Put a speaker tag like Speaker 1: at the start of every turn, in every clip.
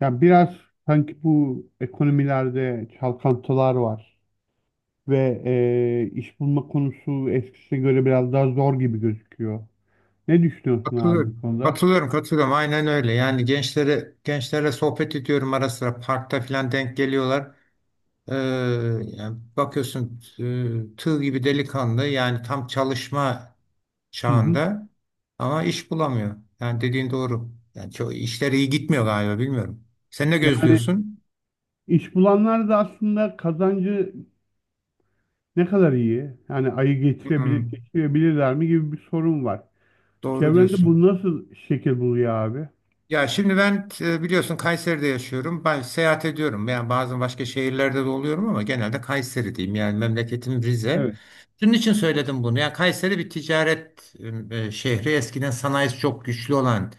Speaker 1: Yani biraz sanki bu ekonomilerde çalkantılar var ve iş bulma konusu eskisine göre biraz daha zor gibi gözüküyor. Ne düşünüyorsun abi bu
Speaker 2: Katılıyorum.
Speaker 1: konuda?
Speaker 2: Katılıyorum. Aynen öyle. Yani gençlerle sohbet ediyorum, ara sıra parkta falan denk geliyorlar. Ee, Yani bakıyorsun, tığ gibi delikanlı, yani tam çalışma
Speaker 1: Hı hı.
Speaker 2: çağında ama iş bulamıyor. Yani dediğin doğru. Yani çok işleri iyi gitmiyor galiba, bilmiyorum. Sen ne
Speaker 1: Yani
Speaker 2: gözlüyorsun?
Speaker 1: iş bulanlar da aslında kazancı ne kadar iyi? Yani ayı
Speaker 2: Hı,
Speaker 1: getirebilir, geçirebilirler mi gibi bir sorun var.
Speaker 2: doğru
Speaker 1: Çevrende
Speaker 2: diyorsun.
Speaker 1: bu nasıl şekil buluyor abi?
Speaker 2: Ya şimdi ben, biliyorsun, Kayseri'de yaşıyorum. Ben seyahat ediyorum. Yani bazen başka şehirlerde de oluyorum ama genelde Kayseri diyeyim. Yani memleketim Rize.
Speaker 1: Evet.
Speaker 2: Bunun için söyledim bunu. Yani Kayseri bir ticaret şehri. Eskiden sanayisi çok güçlü olan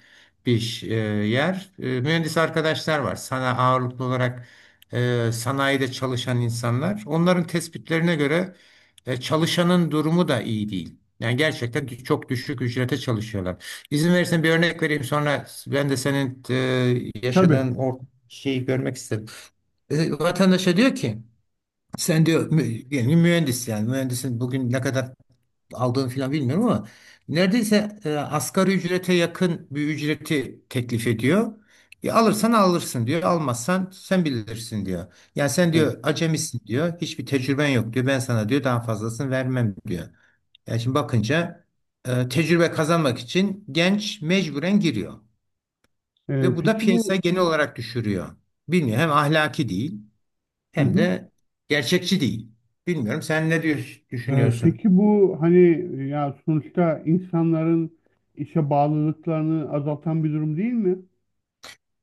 Speaker 2: bir yer. E, mühendis arkadaşlar var. Sana ağırlıklı olarak sanayide çalışan insanlar. Onların tespitlerine göre çalışanın durumu da iyi değil. Yani gerçekten çok düşük ücrete çalışıyorlar. İzin verirsen bir örnek vereyim, sonra ben de senin,
Speaker 1: Tabii.
Speaker 2: yaşadığın o şeyi görmek istedim. E, vatandaşa diyor ki, sen diyor mü, yani yani mühendisin bugün ne kadar aldığını falan bilmiyorum ama neredeyse, asgari ücrete yakın bir ücreti teklif ediyor. E, alırsan alırsın diyor, almazsan sen bilirsin diyor. Yani sen
Speaker 1: Evet.
Speaker 2: diyor acemisin diyor, hiçbir tecrüben yok diyor, ben sana diyor daha fazlasını vermem diyor. Yani şimdi bakınca, tecrübe kazanmak için genç mecburen giriyor.
Speaker 1: E,
Speaker 2: Ve bu da
Speaker 1: peki
Speaker 2: piyasa
Speaker 1: bu
Speaker 2: genel olarak düşürüyor. Bilmiyorum, hem ahlaki değil
Speaker 1: hı
Speaker 2: hem
Speaker 1: hı.
Speaker 2: de gerçekçi değil. Bilmiyorum, sen ne düşünüyorsun?
Speaker 1: Peki bu hani ya sonuçta insanların işe bağlılıklarını azaltan bir durum değil mi?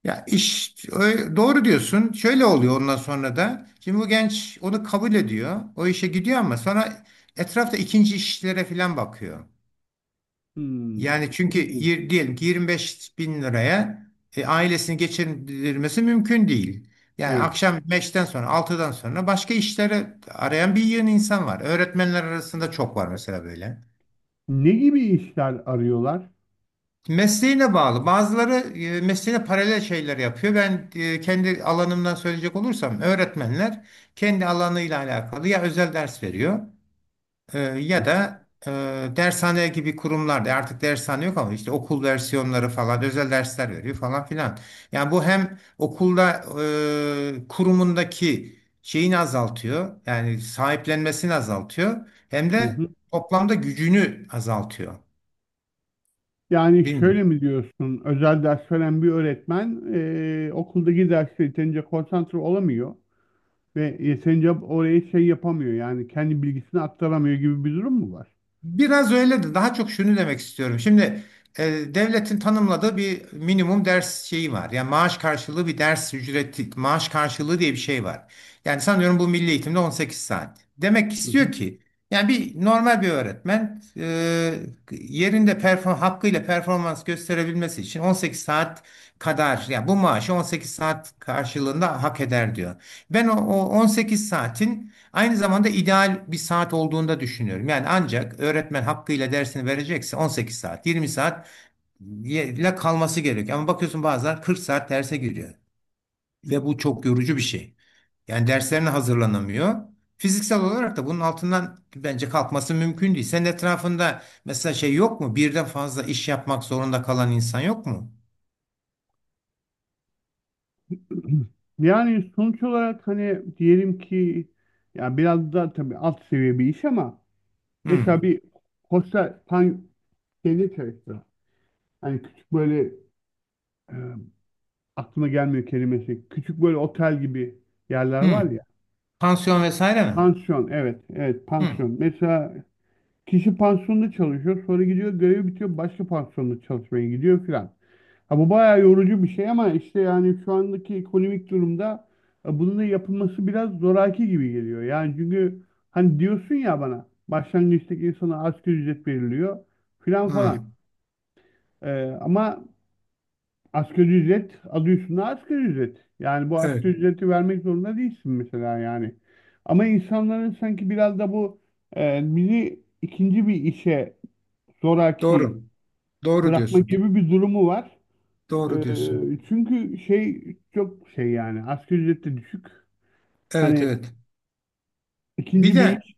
Speaker 2: Ya doğru diyorsun. Şöyle oluyor ondan sonra da. Şimdi bu genç onu kabul ediyor. O işe gidiyor ama sonra etrafta ikinci işlere falan bakıyor.
Speaker 1: Hmm.
Speaker 2: Yani çünkü
Speaker 1: İlginç.
Speaker 2: diyelim ki 25 bin liraya, ailesini geçindirmesi mümkün değil. Yani
Speaker 1: Evet.
Speaker 2: akşam 5'ten sonra, 6'dan sonra başka işlere arayan bir yığın insan var. Öğretmenler arasında çok var mesela böyle.
Speaker 1: Ne gibi işler arıyorlar?
Speaker 2: Mesleğine bağlı. Bazıları mesleğine paralel şeyler yapıyor. Ben, kendi alanımdan söyleyecek olursam, öğretmenler kendi alanıyla alakalı ya özel ders veriyor,
Speaker 1: Hı
Speaker 2: ya
Speaker 1: hı,
Speaker 2: da e, dershane gibi kurumlarda, artık dershane yok ama işte okul versiyonları falan, özel dersler veriyor falan filan. Yani bu hem okulda, kurumundaki şeyini azaltıyor, yani sahiplenmesini azaltıyor, hem
Speaker 1: hı
Speaker 2: de
Speaker 1: hı.
Speaker 2: toplamda gücünü azaltıyor.
Speaker 1: Yani
Speaker 2: Bilmiyorum.
Speaker 1: şöyle mi diyorsun? Özel ders veren bir öğretmen okuldaki derste yeterince konsantre olamıyor ve yeterince oraya şey yapamıyor yani kendi bilgisini aktaramıyor gibi bir durum mu var?
Speaker 2: Biraz öyle de daha çok şunu demek istiyorum. Şimdi, e, devletin tanımladığı bir minimum ders şeyi var. Yani maaş karşılığı bir ders ücreti, maaş karşılığı diye bir şey var. Yani sanıyorum bu milli eğitimde 18 saat. Demek istiyor ki, yani normal bir öğretmen, yerinde perform hakkıyla performans gösterebilmesi için 18 saat kadar, yani bu maaşı 18 saat karşılığında hak eder diyor. Ben o 18 saatin aynı zamanda ideal bir saat olduğunda düşünüyorum. Yani ancak öğretmen hakkıyla dersini verecekse 18 saat, 20 saat ile kalması gerekiyor. Ama bakıyorsun bazen 40 saat derse giriyor. Ve bu çok yorucu bir şey. Yani derslerine hazırlanamıyor. Fiziksel olarak da bunun altından bence kalkması mümkün değil. Senin etrafında mesela şey yok mu? Birden fazla iş yapmak zorunda kalan insan yok mu?
Speaker 1: Yani sonuç olarak hani diyelim ki ya biraz da tabii alt seviye bir iş ama mesela
Speaker 2: Hmm.
Speaker 1: bir hostel pan şeyde çalışsa hani küçük böyle e, aklıma gelmiyor kelimesi küçük böyle otel gibi yerler
Speaker 2: Hmm.
Speaker 1: var ya
Speaker 2: Pansiyon vesaire mi?
Speaker 1: pansiyon evet evet
Speaker 2: Hmm.
Speaker 1: pansiyon mesela kişi pansiyonda çalışıyor sonra gidiyor görevi bitiyor başka pansiyonda çalışmaya gidiyor filan. Ha, bu bayağı yorucu bir şey ama işte yani şu andaki ekonomik durumda bunun da yapılması biraz zoraki gibi geliyor. Yani çünkü hani diyorsun ya bana başlangıçtaki insana asgari ücret veriliyor filan falan.
Speaker 2: Hmm.
Speaker 1: E, ama asgari ücret adı üstünde asgari ücret. Yani bu
Speaker 2: Evet.
Speaker 1: asgari ücreti vermek zorunda değilsin mesela yani. Ama insanların sanki biraz da bu bizi ikinci bir işe zoraki
Speaker 2: Doğru. Doğru
Speaker 1: bırakma
Speaker 2: diyorsun.
Speaker 1: gibi bir durumu var.
Speaker 2: Doğru diyorsun.
Speaker 1: Çünkü şey çok şey yani asgari ücret de düşük.
Speaker 2: Evet,
Speaker 1: Hani
Speaker 2: evet. Bir
Speaker 1: ikinci bir
Speaker 2: de
Speaker 1: iş.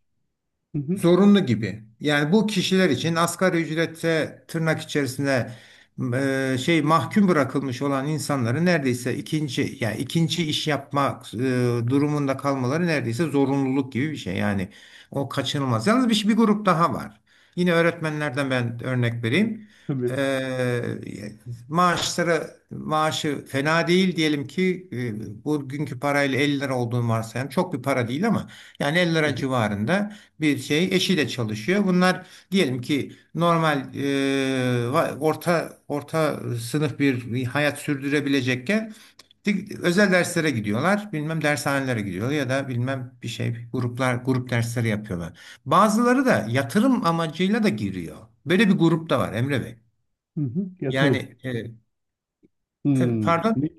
Speaker 1: Hı hı,
Speaker 2: zorunlu gibi. Yani bu kişiler için asgari ücrete, tırnak içerisinde, şey, mahkum bırakılmış olan insanların neredeyse yani ikinci iş yapma, durumunda kalmaları neredeyse zorunluluk gibi bir şey. Yani o kaçınılmaz. Yalnız bir grup daha var. Yine öğretmenlerden ben örnek vereyim.
Speaker 1: tabii.
Speaker 2: E, maaşı fena değil diyelim ki, bugünkü parayla 50 lira olduğunu varsayalım. Çok bir para değil ama yani 50
Speaker 1: Hı
Speaker 2: lira
Speaker 1: hı,
Speaker 2: civarında bir şey, eşiyle çalışıyor. Bunlar diyelim ki normal, orta orta sınıf bir hayat sürdürebilecekken özel derslere gidiyorlar. Bilmem dershanelere gidiyor ya da bilmem bir şey, grup dersleri yapıyorlar. Bazıları da yatırım amacıyla da giriyor. Böyle bir grup da var Emre Bey.
Speaker 1: hı hı, yatırım.
Speaker 2: Yani
Speaker 1: Hmm.
Speaker 2: pardon.
Speaker 1: Ne,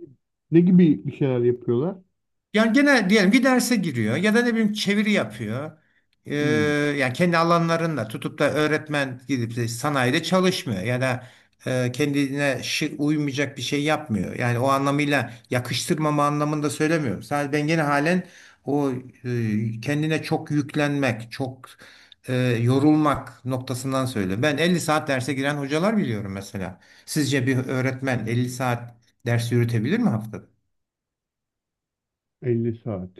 Speaker 1: ne gibi bir şeyler yapıyorlar?
Speaker 2: Yani gene diyelim bir derse giriyor ya da ne bileyim çeviri yapıyor. Ee,
Speaker 1: Hmm.
Speaker 2: Yani kendi alanlarında tutup da öğretmen gidip de sanayide çalışmıyor ya da kendine uymayacak bir şey yapmıyor. Yani o anlamıyla, yakıştırmama anlamında söylemiyorum. Sadece ben gene halen o, kendine çok yüklenmek, çok, e, yorulmak noktasından söylüyorum. Ben 50 saat derse giren hocalar biliyorum mesela. Sizce bir öğretmen 50 saat ders yürütebilir mi haftada?
Speaker 1: 50 saat.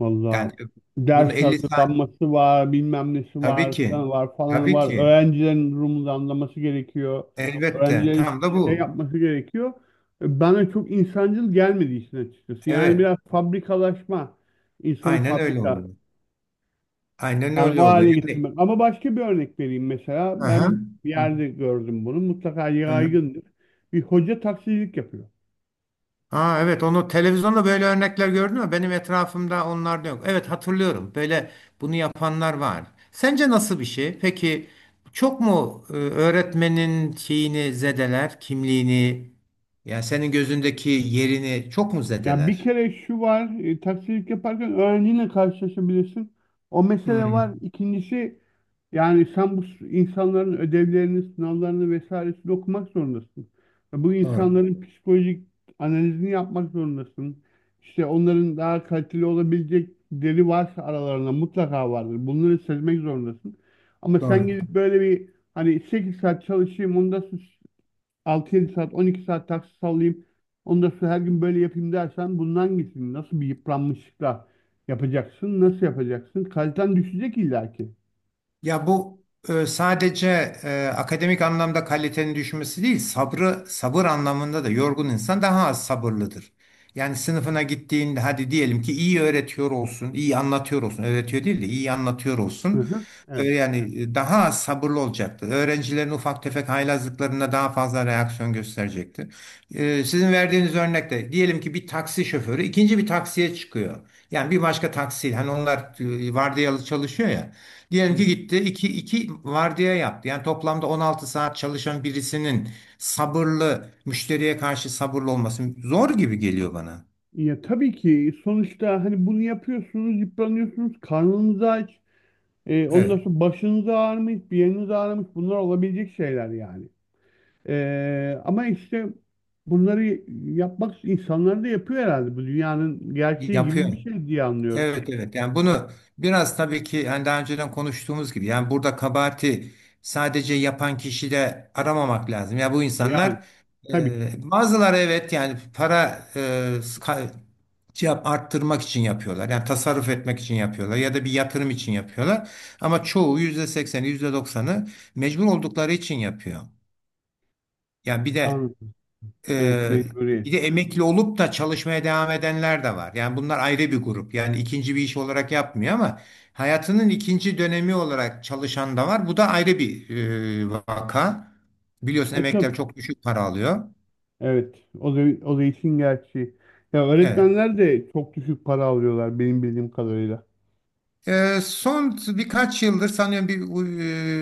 Speaker 1: Vallahi
Speaker 2: Yani
Speaker 1: ders
Speaker 2: bunu 50 saat
Speaker 1: hazırlanması var, bilmem nesi
Speaker 2: Tabii
Speaker 1: var
Speaker 2: ki.
Speaker 1: falan var falan
Speaker 2: Tabii
Speaker 1: var.
Speaker 2: ki.
Speaker 1: Öğrencilerin durumunu anlaması gerekiyor.
Speaker 2: Elbette.
Speaker 1: Öğrencilerin
Speaker 2: Tam da
Speaker 1: şey
Speaker 2: bu.
Speaker 1: yapması gerekiyor. Bana çok insancıl gelmedi işin açıkçası. Yani
Speaker 2: Evet.
Speaker 1: biraz fabrikalaşma, insanı
Speaker 2: Aynen öyle
Speaker 1: fabrika.
Speaker 2: oluyor. Aynen
Speaker 1: Yani o
Speaker 2: öyle
Speaker 1: hale
Speaker 2: oluyor. Yani.
Speaker 1: getirmek. Ama başka bir örnek vereyim mesela.
Speaker 2: Aha.
Speaker 1: Ben bir
Speaker 2: Hı.
Speaker 1: yerde gördüm bunu. Mutlaka
Speaker 2: Aha.
Speaker 1: yaygındır. Bir hoca taksicilik yapıyor.
Speaker 2: Aa, evet, onu televizyonda böyle örnekler gördün mü? Benim etrafımda onlar da yok. Evet, hatırlıyorum. Böyle bunu yapanlar var. Sence nasıl bir şey? Peki çok mu, öğretmenin şeyini zedeler, kimliğini, yani senin gözündeki yerini çok mu
Speaker 1: Ya bir
Speaker 2: zedeler?
Speaker 1: kere şu var, e, taksicilik yaparken öğrenciyle karşılaşabilirsin. O mesele
Speaker 2: Hı.
Speaker 1: var. İkincisi yani sen bu s- insanların ödevlerini, sınavlarını vesairesini okumak zorundasın. Ve bu
Speaker 2: Doğru.
Speaker 1: insanların psikolojik analizini yapmak zorundasın. İşte onların daha kaliteli olabilecek deri varsa aralarında mutlaka vardır. Bunları sezmek zorundasın. Ama sen
Speaker 2: Doğru.
Speaker 1: gidip böyle bir hani 8 saat çalışayım, ondan 6-7 saat, 12 saat taksi sallayayım. Onu da her gün böyle yapayım dersen bundan gitsin. Nasıl bir yıpranmışlıkla yapacaksın? Nasıl yapacaksın? Kaliten düşecek illaki.
Speaker 2: Ya bu, sadece, akademik anlamda kalitenin düşmesi değil, sabır anlamında da yorgun insan daha az sabırlıdır. Yani sınıfına gittiğinde hadi diyelim ki iyi öğretiyor olsun, iyi anlatıyor olsun, öğretiyor değil de iyi anlatıyor
Speaker 1: Hı
Speaker 2: olsun.
Speaker 1: hı. Evet.
Speaker 2: Yani, daha az sabırlı olacaktır. Öğrencilerin ufak tefek haylazlıklarına daha fazla reaksiyon gösterecektir. E, sizin verdiğiniz örnekte diyelim ki bir taksi şoförü ikinci bir taksiye çıkıyor. Yani bir başka taksiyle, hani onlar vardiyalı çalışıyor ya.
Speaker 1: Hı
Speaker 2: Diyelim ki
Speaker 1: hı.
Speaker 2: gitti, iki vardiya yaptı. Yani toplamda 16 saat çalışan birisinin sabırlı müşteriye karşı sabırlı olması zor gibi geliyor bana.
Speaker 1: Ya tabii ki sonuçta hani bunu yapıyorsunuz, yıpranıyorsunuz, karnınız aç, ondan
Speaker 2: Evet,
Speaker 1: sonra başınız ağrımış, bir yeriniz ağrımış, bunlar olabilecek şeyler yani. Ama işte bunları yapmak insanlar da yapıyor herhalde. Bu dünyanın gerçeği
Speaker 2: yapıyor.
Speaker 1: gibi bir şey diye anlıyorum.
Speaker 2: Evet, evet. Yani bunu biraz, tabii ki, yani daha önceden konuştuğumuz gibi, yani burada kabahati sadece yapan kişide aramamak lazım. Ya bu
Speaker 1: Yani
Speaker 2: insanlar,
Speaker 1: tabii ki.
Speaker 2: bazıları evet, yani para, e, cevap arttırmak için yapıyorlar. Yani tasarruf etmek için yapıyorlar ya da bir yatırım için yapıyorlar. Ama çoğu yüzde sekseni, yüzde 90'ı mecbur oldukları için yapıyor. Yani bir de
Speaker 1: Anladım. Evet,
Speaker 2: e,
Speaker 1: mecburiyet.
Speaker 2: Bir de emekli olup da çalışmaya devam edenler de var. Yani bunlar ayrı bir grup. Yani ikinci bir iş olarak yapmıyor ama hayatının ikinci dönemi olarak çalışan da var. Bu da ayrı bir, vaka. Biliyorsun
Speaker 1: E
Speaker 2: emekliler
Speaker 1: tabii.
Speaker 2: çok düşük para alıyor.
Speaker 1: Evet. O da, o da işin gerçeği. Ya
Speaker 2: Evet.
Speaker 1: öğretmenler de çok düşük para alıyorlar benim bildiğim kadarıyla.
Speaker 2: Son birkaç yıldır sanıyorum bir,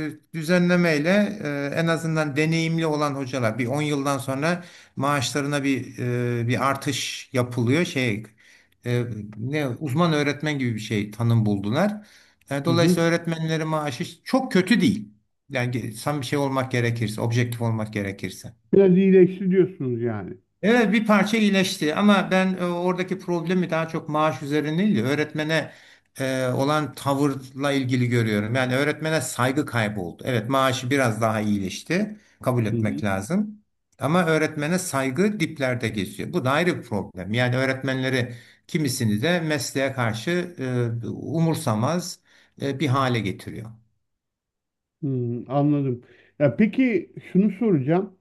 Speaker 2: düzenlemeyle, en azından deneyimli olan hocalar bir 10 yıldan sonra maaşlarına bir, bir artış yapılıyor. Şey, eee, ne uzman öğretmen gibi bir şey tanım buldular. E,
Speaker 1: Hı hı.
Speaker 2: dolayısıyla öğretmenlerin maaşı çok kötü değil. Yani tam bir şey olmak gerekirse, objektif olmak gerekirse.
Speaker 1: Biraz iyileşti diyorsunuz yani.
Speaker 2: Evet, bir parça iyileşti ama ben, oradaki problemi daha çok maaş üzerine değil, de öğretmene olan tavırla ilgili görüyorum. Yani öğretmene saygı kayboldu. Evet, maaşı biraz daha iyileşti. Kabul
Speaker 1: Hı hı.
Speaker 2: etmek lazım. Ama öğretmene saygı diplerde geziyor. Bu da ayrı bir problem. Yani öğretmenleri, kimisini de mesleğe karşı umursamaz, bir hale getiriyor.
Speaker 1: Hmm, anladım. Ya peki şunu soracağım.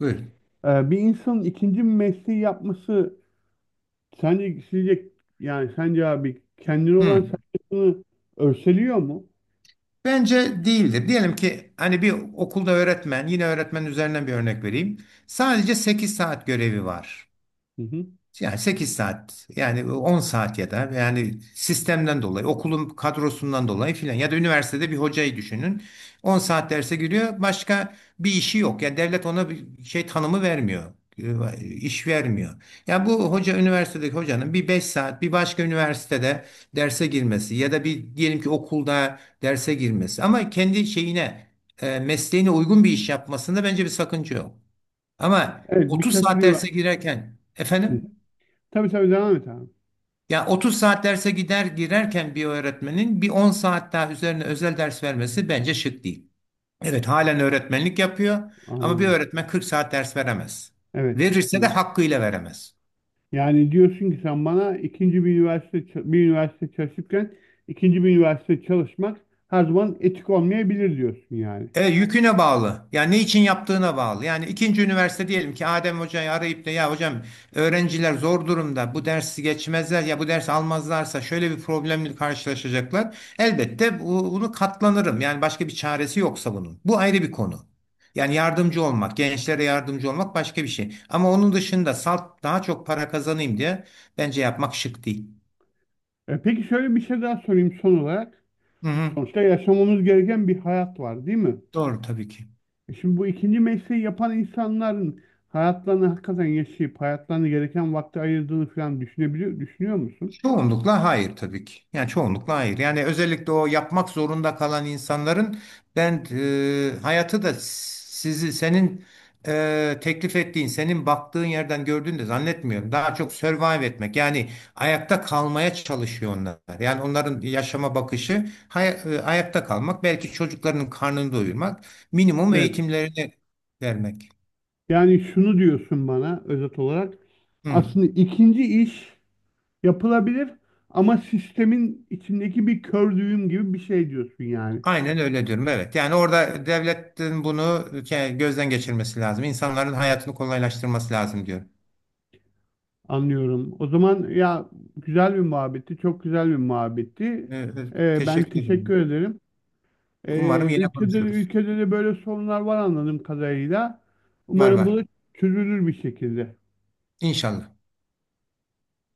Speaker 2: Buyurun.
Speaker 1: Bir insanın ikinci bir mesleği yapması sence sizce yani sence abi kendine olan
Speaker 2: Hı.
Speaker 1: saygısını örseliyor mu?
Speaker 2: Bence değildir. Diyelim ki hani bir okulda öğretmen, yine öğretmen üzerinden bir örnek vereyim. Sadece 8 saat görevi var.
Speaker 1: Hı hı.
Speaker 2: Yani 8 saat, yani 10 saat, ya da yani sistemden dolayı, okulun kadrosundan dolayı filan, ya da üniversitede bir hocayı düşünün, 10 saat derse giriyor, başka bir işi yok, yani devlet ona bir şey tanımı vermiyor, iş vermiyor. Yani bu hoca üniversitedeki hocanın bir 5 saat bir başka üniversitede derse girmesi, ya da bir, diyelim ki, okulda derse girmesi, ama kendi şeyine, mesleğine uygun bir iş yapmasında bence bir sakınca yok. Ama
Speaker 1: Evet
Speaker 2: 30
Speaker 1: birkaç
Speaker 2: saat derse
Speaker 1: üniversite.
Speaker 2: girerken, efendim,
Speaker 1: Tabii tabii devam et abi.
Speaker 2: ya 30 saat derse gider girerken bir öğretmenin bir 10 saat daha üzerine özel ders vermesi bence şık değil. Evet, halen öğretmenlik yapıyor ama bir
Speaker 1: Anladım.
Speaker 2: öğretmen 40 saat ders veremez.
Speaker 1: Evet.
Speaker 2: Verirse de hakkıyla veremez.
Speaker 1: Yani diyorsun ki sen bana ikinci bir üniversite ç- bir üniversite çalışırken ikinci bir üniversite çalışmak her zaman etik olmayabilir diyorsun yani.
Speaker 2: E, yüküne bağlı. Yani ne için yaptığına bağlı. Yani ikinci üniversite diyelim ki Adem Hoca'yı arayıp da, ya hocam, öğrenciler zor durumda, bu dersi geçmezler, ya bu dersi almazlarsa şöyle bir problemle karşılaşacaklar. Elbette bunu katlanırım. Yani başka bir çaresi yoksa bunun. Bu ayrı bir konu. Yani yardımcı olmak, gençlere yardımcı olmak başka bir şey. Ama onun dışında salt daha çok para kazanayım diye bence yapmak şık değil.
Speaker 1: E peki şöyle bir şey daha sorayım son olarak.
Speaker 2: Hı hı.
Speaker 1: Sonuçta yaşamamız gereken bir hayat var değil mi?
Speaker 2: Doğru, tabii ki.
Speaker 1: E şimdi bu ikinci mesleği yapan insanların hayatlarını hakikaten yaşayıp hayatlarını gereken vakti ayırdığını falan düşünebiliyor, düşünüyor musun?
Speaker 2: Çoğunlukla hayır, tabii ki. Yani çoğunlukla hayır. Yani özellikle o yapmak zorunda kalan insanların, ben, hayatı da sizi senin, teklif ettiğin, senin baktığın yerden gördüğünü de zannetmiyorum. Daha çok survive etmek, yani ayakta kalmaya çalışıyor onlar. Yani onların yaşama bakışı ayakta kalmak, belki çocuklarının karnını doyurmak, minimum
Speaker 1: Evet.
Speaker 2: eğitimlerini vermek.
Speaker 1: Yani şunu diyorsun bana özet olarak.
Speaker 2: Hı.
Speaker 1: Aslında ikinci iş yapılabilir ama sistemin içindeki bir kör düğüm gibi bir şey diyorsun yani.
Speaker 2: Aynen öyle diyorum. Evet. Yani orada devletin bunu gözden geçirmesi lazım. İnsanların hayatını kolaylaştırması lazım diyorum.
Speaker 1: Anlıyorum. O zaman ya güzel bir muhabbetti, çok güzel bir muhabbetti.
Speaker 2: Ee, e,
Speaker 1: Ben
Speaker 2: Teşekkür
Speaker 1: teşekkür
Speaker 2: ederim.
Speaker 1: ederim.
Speaker 2: Umarım yine
Speaker 1: Ülkede,
Speaker 2: konuşuruz.
Speaker 1: ülkede de böyle sorunlar var anladığım kadarıyla.
Speaker 2: Var,
Speaker 1: Umarım
Speaker 2: var.
Speaker 1: bu da çözülür bir şekilde.
Speaker 2: İnşallah.